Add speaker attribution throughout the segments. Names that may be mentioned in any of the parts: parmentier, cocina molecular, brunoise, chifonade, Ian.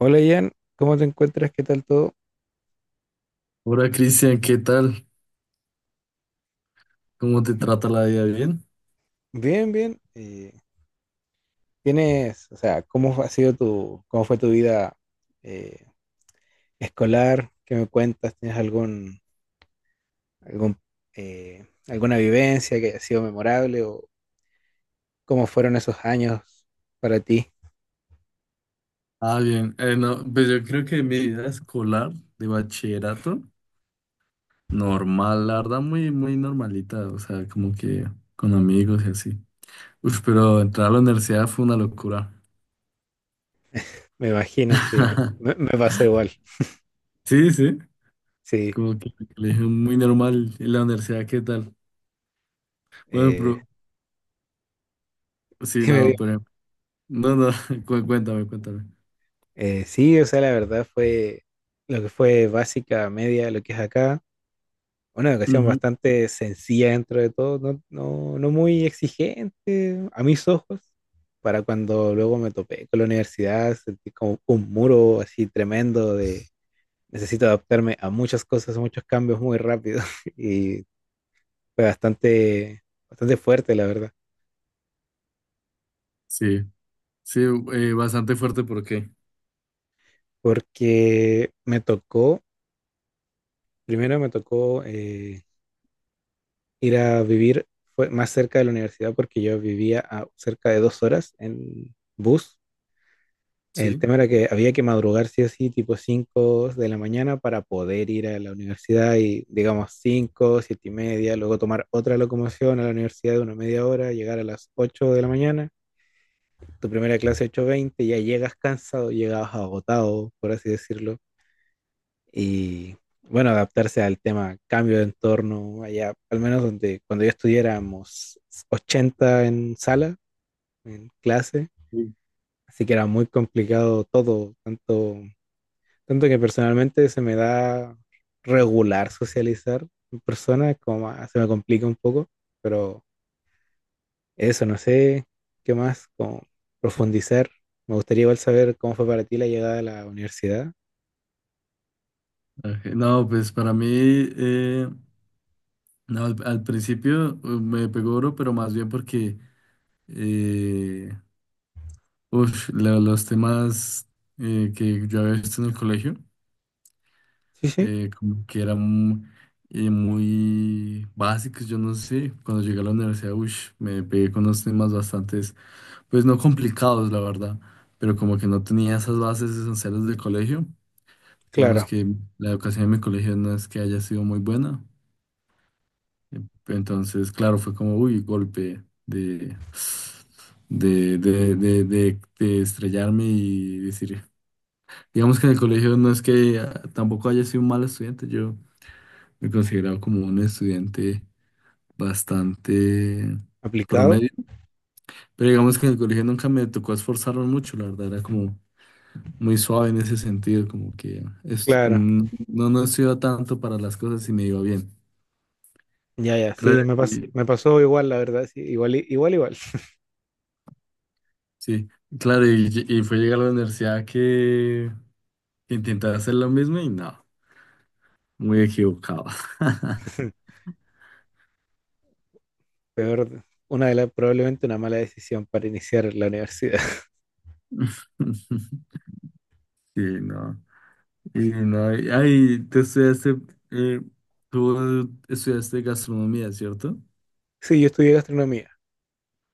Speaker 1: Hola Ian, ¿cómo te encuentras? ¿Qué tal todo?
Speaker 2: Hola Cristian, ¿qué tal? ¿Cómo te trata la vida? ¿Bien?
Speaker 1: Bien, bien. ¿Tienes, o sea, cómo fue tu vida eh, escolar? ¿Qué me cuentas? ¿Tienes algún, alguna vivencia que haya sido memorable o cómo fueron esos años para ti?
Speaker 2: Ah, bien. No, pues yo creo que mi vida escolar de bachillerato, normal, la verdad, muy normalita. O sea, como que con amigos y así. Uf, pero entrar a la universidad fue una locura.
Speaker 1: Me imagino, sí, me, me pasó igual.
Speaker 2: Sí, sí,
Speaker 1: Sí,
Speaker 2: como que le dije muy normal en la universidad, ¿qué tal? Bueno,
Speaker 1: eh,
Speaker 2: pero sí,
Speaker 1: dime bien.
Speaker 2: no, pero no, no, cuéntame, cuéntame.
Speaker 1: Sí, o sea, la verdad fue lo que fue básica, media, lo que es acá. Una educación
Speaker 2: Ujú.
Speaker 1: bastante sencilla dentro de todo, no, no, no muy exigente a mis ojos, para cuando luego me topé con la universidad, sentí como un muro así tremendo de necesito adaptarme a muchas cosas, a muchos cambios muy rápido y fue bastante, bastante fuerte, la verdad,
Speaker 2: Sí, sí, bastante fuerte, ¿por qué?
Speaker 1: porque me tocó, primero me tocó ir a vivir fue más cerca de la universidad porque yo vivía a cerca de 2 horas en bus. El
Speaker 2: Sí.
Speaker 1: tema era que había que madrugar sí o sí, tipo 5 de la mañana para poder ir a la universidad y digamos 5 7 y media, luego tomar otra locomoción a la universidad de una media hora, llegar a las 8 de la mañana, tu primera clase 8:20 ya llegas cansado, llegabas agotado, por así decirlo, y bueno, adaptarse al tema cambio de entorno, allá, al menos donde cuando yo estudiáramos 80 en sala, en clase,
Speaker 2: Sí.
Speaker 1: así que era muy complicado todo, tanto que personalmente se me da regular socializar en persona, como se me complica un poco, pero eso, no sé qué más, como profundizar. Me gustaría igual saber cómo fue para ti la llegada a la universidad.
Speaker 2: Ok, no, pues para mí, eh, no, al principio me pegó oro, pero más bien porque eh, uf, los temas que yo había visto en el colegio.
Speaker 1: Sí, sí,
Speaker 2: Como que eran muy básicos, yo no sé. Cuando llegué a la universidad, ush, me pegué con unos temas bastantes, pues no complicados, la verdad, pero como que no tenía esas bases esenciales del colegio. Digamos
Speaker 1: claro.
Speaker 2: que la educación en mi colegio no es que haya sido muy buena. eh, Entonces, claro, fue como, uy, golpe de estrellarme y decir, digamos que en el colegio no es que ah, tampoco haya sido un mal estudiante, yo me consideraba como un estudiante bastante
Speaker 1: ¿Aplicado?
Speaker 2: promedio, pero digamos que en el colegio nunca me tocó esforzarme mucho, la verdad era como muy suave en ese sentido, como que
Speaker 1: Claro.
Speaker 2: mm, no, no estudiaba tanto para las cosas y me iba bien.
Speaker 1: Ya, ya,
Speaker 2: Claro,
Speaker 1: sí, me pasó igual, la verdad, sí, igual, igual, igual.
Speaker 2: sí, claro, y, y fue llegar a la universidad que intentaba hacer lo mismo y no, muy equivocado.
Speaker 1: Peor, una de las, probablemente una mala decisión para iniciar la universidad.
Speaker 2: Sí, no. Y no, ay, eh, tú estudiaste gastronomía, ¿cierto?
Speaker 1: Sí, yo estudié gastronomía.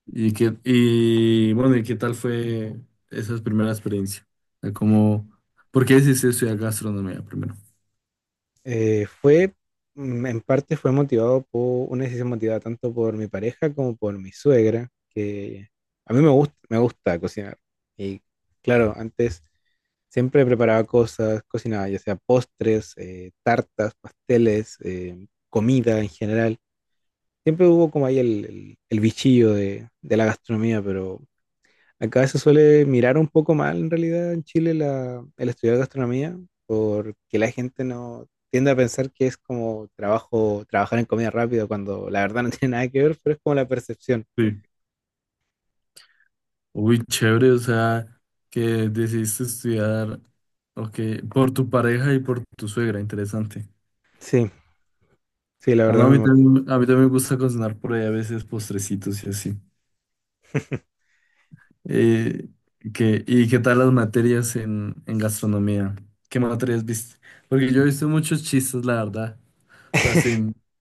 Speaker 2: Y qué, y bueno, ¿y qué tal fue esa primera experiencia? O sea, ¿cómo, por qué decidiste estudiar gastronomía primero?
Speaker 1: Eh, fue, en parte fue motivado por una decisión motivada tanto por mi pareja como por mi suegra, que a mí me gusta cocinar. Y claro, antes siempre preparaba cosas, cocinaba, ya sea postres, tartas, pasteles, comida en general. Siempre hubo como ahí el bichillo de la gastronomía, pero acá se suele mirar un poco mal en realidad en Chile el estudiar gastronomía, porque la gente no tiende a pensar que es como trabajo, trabajar en comida rápida, cuando la verdad no tiene nada que ver, pero es como la percepción.
Speaker 2: Sí. Uy, chévere, o sea, que decidiste estudiar, ok, por tu pareja y por tu suegra, interesante.
Speaker 1: Sí, sí, la
Speaker 2: Ah, no,
Speaker 1: verdad me motiva.
Speaker 2: a mí también me gusta cocinar por ahí a veces postrecitos y así. Eh, y qué tal las materias en gastronomía? ¿Qué materias viste? Porque yo he visto muchos chistes, la verdad. O sea, sí,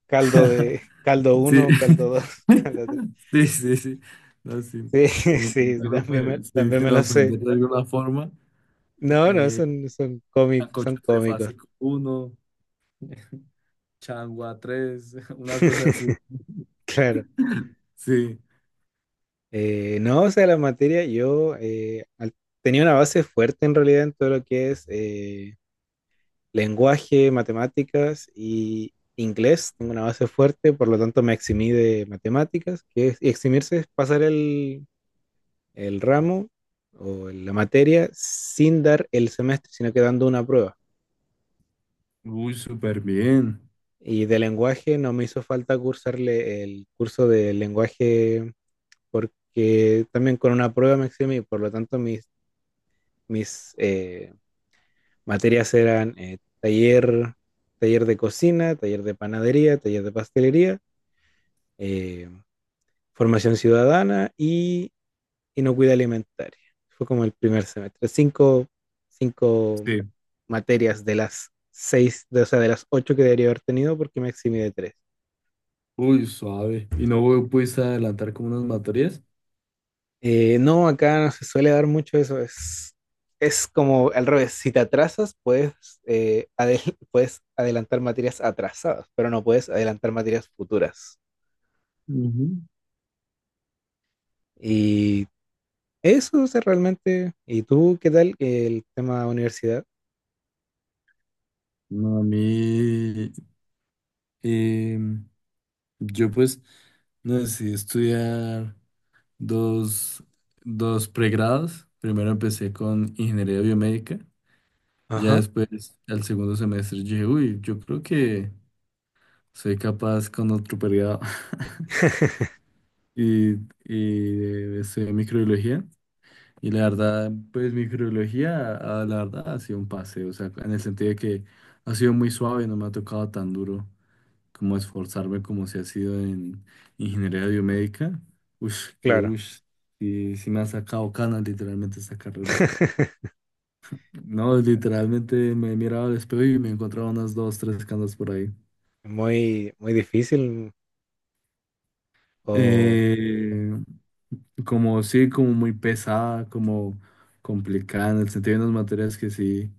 Speaker 1: Caldo de, caldo
Speaker 2: sí.
Speaker 1: uno, caldo dos, caldo tres.
Speaker 2: Sí, sí, sí. No, sin,
Speaker 1: Sí, sí, sí, también también me
Speaker 2: sin
Speaker 1: lo sé.
Speaker 2: ofender de alguna forma.
Speaker 1: No, no,
Speaker 2: Eh,
Speaker 1: son cómicos,
Speaker 2: Sancocho
Speaker 1: son cómicos.
Speaker 2: trifásico uno, changua tres, una cosa así.
Speaker 1: Claro.
Speaker 2: Sí.
Speaker 1: No, o sea, la materia, yo tenía una base fuerte en realidad en todo lo que es lenguaje, matemáticas y inglés. Tengo una base fuerte, por lo tanto me eximí de matemáticas, que es, y eximirse es pasar el ramo o la materia sin dar el semestre, sino que dando una prueba.
Speaker 2: Uy, súper bien.
Speaker 1: Y de lenguaje no me hizo falta cursarle el curso de lenguaje porque también con una prueba me eximí, por lo tanto mis materias eran taller, taller de cocina, taller de panadería, taller de pastelería, eh, formación ciudadana y inocuidad alimentaria. Fue como el primer semestre. Cinco
Speaker 2: Sí.
Speaker 1: materias de las seis, de, o sea, de las ocho que debería haber tenido porque me eximí de tres.
Speaker 2: Uy, suave. ¿Y no pudiste adelantar como unas materias?
Speaker 1: No, acá no se suele dar mucho eso. Es como al revés. Si te atrasas, puedes adelantar materias atrasadas, pero no puedes adelantar materias futuras.
Speaker 2: Ujú.
Speaker 1: Y eso o sea, realmente. ¿Y tú qué tal el tema universidad?
Speaker 2: No, a mí, em, yo pues, no decidí estudiar dos, dos pregrados. Primero empecé con ingeniería biomédica. Ya
Speaker 1: Ajá,
Speaker 2: después, al segundo semestre, yo dije, uy, yo creo que soy capaz con otro periodo. Y, y estudié microbiología. Y la verdad, pues microbiología, ah, la verdad, ha sido un paseo, o sea, en el sentido de que ha sido muy suave, no me ha tocado tan duro como esforzarme como se ha sido en ingeniería biomédica. Ush, que
Speaker 1: claro.
Speaker 2: ush, y sí me ha sacado canas literalmente esta carrera. No, literalmente me he mirado al espejo y me he encontrado unas dos, tres canas por ahí.
Speaker 1: Muy, muy difícil. O.
Speaker 2: Eh, Como sí, como muy pesada, como complicada, en el sentido de unas materias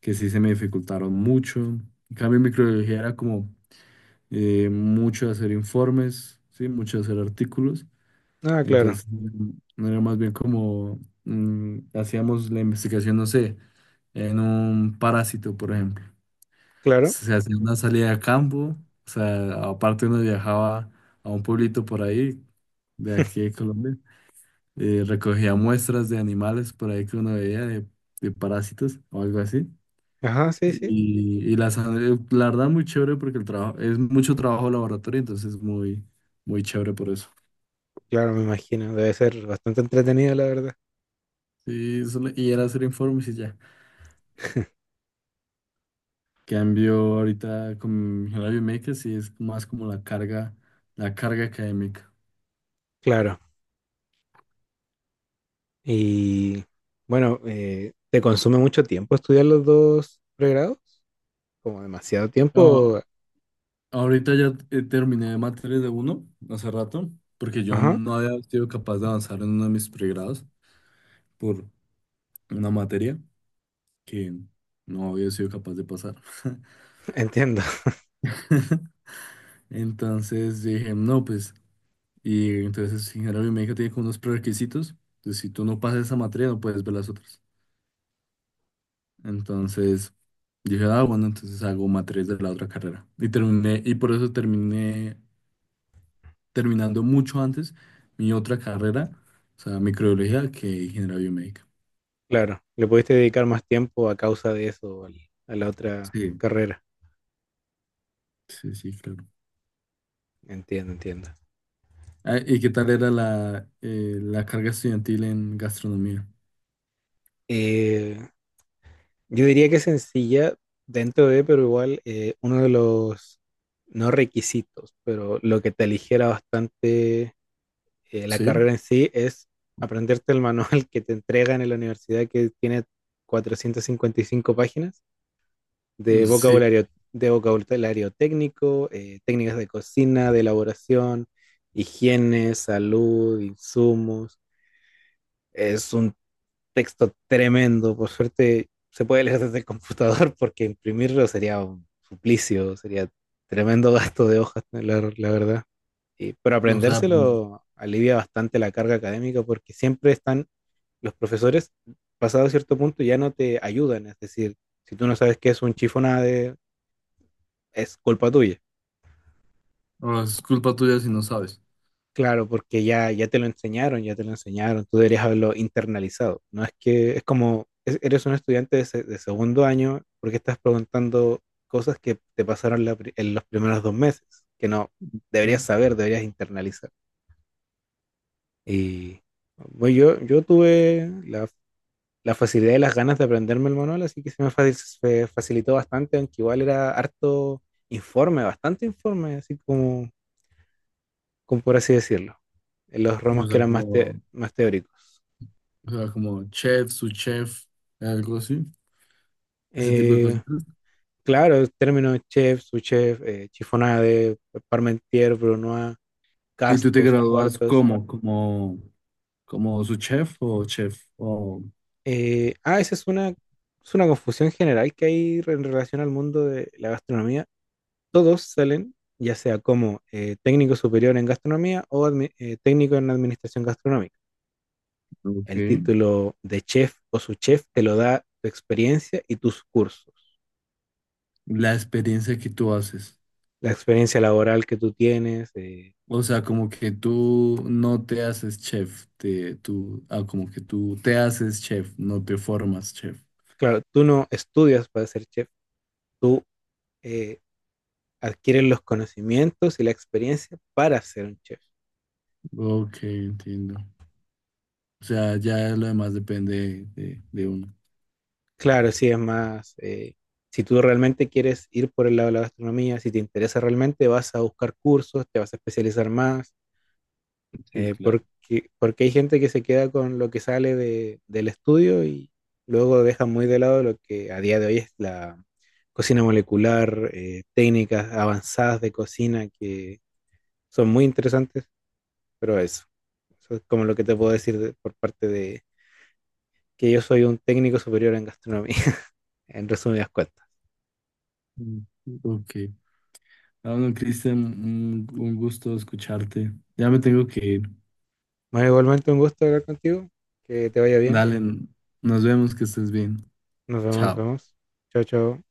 Speaker 2: que sí se me dificultaron mucho. En cambio, en microbiología era como mucho hacer informes, sí, mucho hacer artículos.
Speaker 1: Ah, claro,
Speaker 2: Entonces, mm, era más bien como mm, hacíamos la investigación, no sé, en un parásito, por ejemplo.
Speaker 1: claro.
Speaker 2: Se hacía una salida a campo, o sea, aparte uno viajaba a un pueblito por ahí, de aquí de Colombia. Recogía muestras de animales por ahí que uno veía de parásitos o algo así.
Speaker 1: Ajá, sí, sí.
Speaker 2: Y las, la verdad muy chévere porque el trabajo es mucho trabajo de laboratorio, entonces muy, muy chévere por eso.
Speaker 1: Claro, me imagino. Debe ser bastante entretenido, la verdad.
Speaker 2: Sí, y era hacer informes y ya. Cambio ahorita con la biomédica, sí es más como la carga académica.
Speaker 1: Claro. Y bueno, ¿te consume mucho tiempo estudiar los dos pregrados? Como demasiado tiempo.
Speaker 2: Ah, ahorita ya terminé de materias de uno hace rato, porque yo
Speaker 1: Ajá,
Speaker 2: no había sido capaz de avanzar en uno de mis pregrados por una materia. Que no había sido capaz de pasar.
Speaker 1: entiendo.
Speaker 2: Entonces dije, no, pues, y entonces ingeniería biomédica tiene como unos prerequisitos, entonces si tú no pasas esa materia no puedes ver las otras. Entonces dije, ah, bueno, entonces hago materias de la otra carrera. Y terminé, y por eso terminé terminando mucho antes mi otra carrera, o sea, microbiología, que ingeniería biomédica.
Speaker 1: Claro. Le pudiste dedicar más tiempo a causa de eso a la otra
Speaker 2: Sí,
Speaker 1: carrera.
Speaker 2: sí, sí, claro.
Speaker 1: Entiendo, entiendo.
Speaker 2: Ah, ¿y qué tal era la, la carga estudiantil en gastronomía?
Speaker 1: Eh, yo diría que es sencilla dentro de, pero igual uno de los, no requisitos, pero lo que te aligera bastante la
Speaker 2: Sí,
Speaker 1: carrera en sí es aprenderte el manual que te entregan en la universidad que tiene 455 páginas de
Speaker 2: sí,
Speaker 1: vocabulario, técnico, técnicas de cocina, de elaboración, higiene, salud, insumos. Es un texto tremendo. Por suerte se puede leer desde el computador porque imprimirlo sería un suplicio, sería tremendo gasto de hojas, ¿no? La verdad. Y, pero
Speaker 2: o sea, pues,
Speaker 1: aprendérselo alivia bastante la carga académica porque siempre están los profesores, pasado cierto punto, ya no te ayudan. Es decir, si tú no sabes qué es un chifonade, es culpa tuya.
Speaker 2: o es culpa tuya si no sabes.
Speaker 1: Claro, porque ya te lo enseñaron, ya te lo enseñaron, tú deberías haberlo internalizado. No es que es como, eres un estudiante de segundo año porque estás preguntando cosas que te pasaron en los primeros 2 meses, que no deberías
Speaker 2: ¿No?
Speaker 1: saber, deberías internalizar. Y bueno, yo tuve la facilidad y las ganas de aprenderme el manual, así que se facilitó bastante, aunque igual era harto informe, bastante informe, así como por así decirlo, en los ramos
Speaker 2: O
Speaker 1: que
Speaker 2: sea,
Speaker 1: eran
Speaker 2: como,
Speaker 1: más teóricos.
Speaker 2: o sea, como chef, su chef, algo así, ese tipo de
Speaker 1: Eh,
Speaker 2: cositas.
Speaker 1: claro, términos chef, sous-chef, chiffonade, parmentier, brunoise,
Speaker 2: ¿Y tú te
Speaker 1: cascos,
Speaker 2: gradúas
Speaker 1: cuartos.
Speaker 2: como, como, como su chef o chef? O,
Speaker 1: Eh, ah, esa es una, es una confusión general que hay en relación al mundo de la gastronomía. Todos salen, ya sea como técnico superior en gastronomía o técnico en administración gastronómica.
Speaker 2: ok.
Speaker 1: El título de chef o su chef te lo da tu experiencia y tus cursos.
Speaker 2: La experiencia que tú haces.
Speaker 1: La experiencia laboral que tú tienes.
Speaker 2: O sea, como que tú no te haces chef, te, tú, ah, como que tú te haces chef, no te formas chef.
Speaker 1: Claro, tú no estudias para ser chef, tú eh, adquieres los conocimientos y la experiencia para ser un chef.
Speaker 2: Ok, entiendo. O sea, ya lo demás depende de uno.
Speaker 1: Claro, sí, es más, si tú realmente quieres ir por el lado de la gastronomía, si te interesa realmente, vas a buscar cursos, te vas a especializar más.
Speaker 2: Sí, claro.
Speaker 1: Porque hay gente que se queda con lo que sale del estudio y luego deja muy de lado lo que a día de hoy es la cocina molecular, técnicas avanzadas de cocina que son muy interesantes, pero eso es como lo que te puedo decir por parte de que yo soy un técnico superior en gastronomía, en resumidas cuentas.
Speaker 2: Mm, ok. Ah, bueno, Cristian, un gusto escucharte. Ya me tengo que ir.
Speaker 1: Bueno, igualmente un gusto hablar contigo, que te vaya bien,
Speaker 2: Dale, nos vemos, que estés bien.
Speaker 1: nos
Speaker 2: Chao.
Speaker 1: vemos, chao, chao.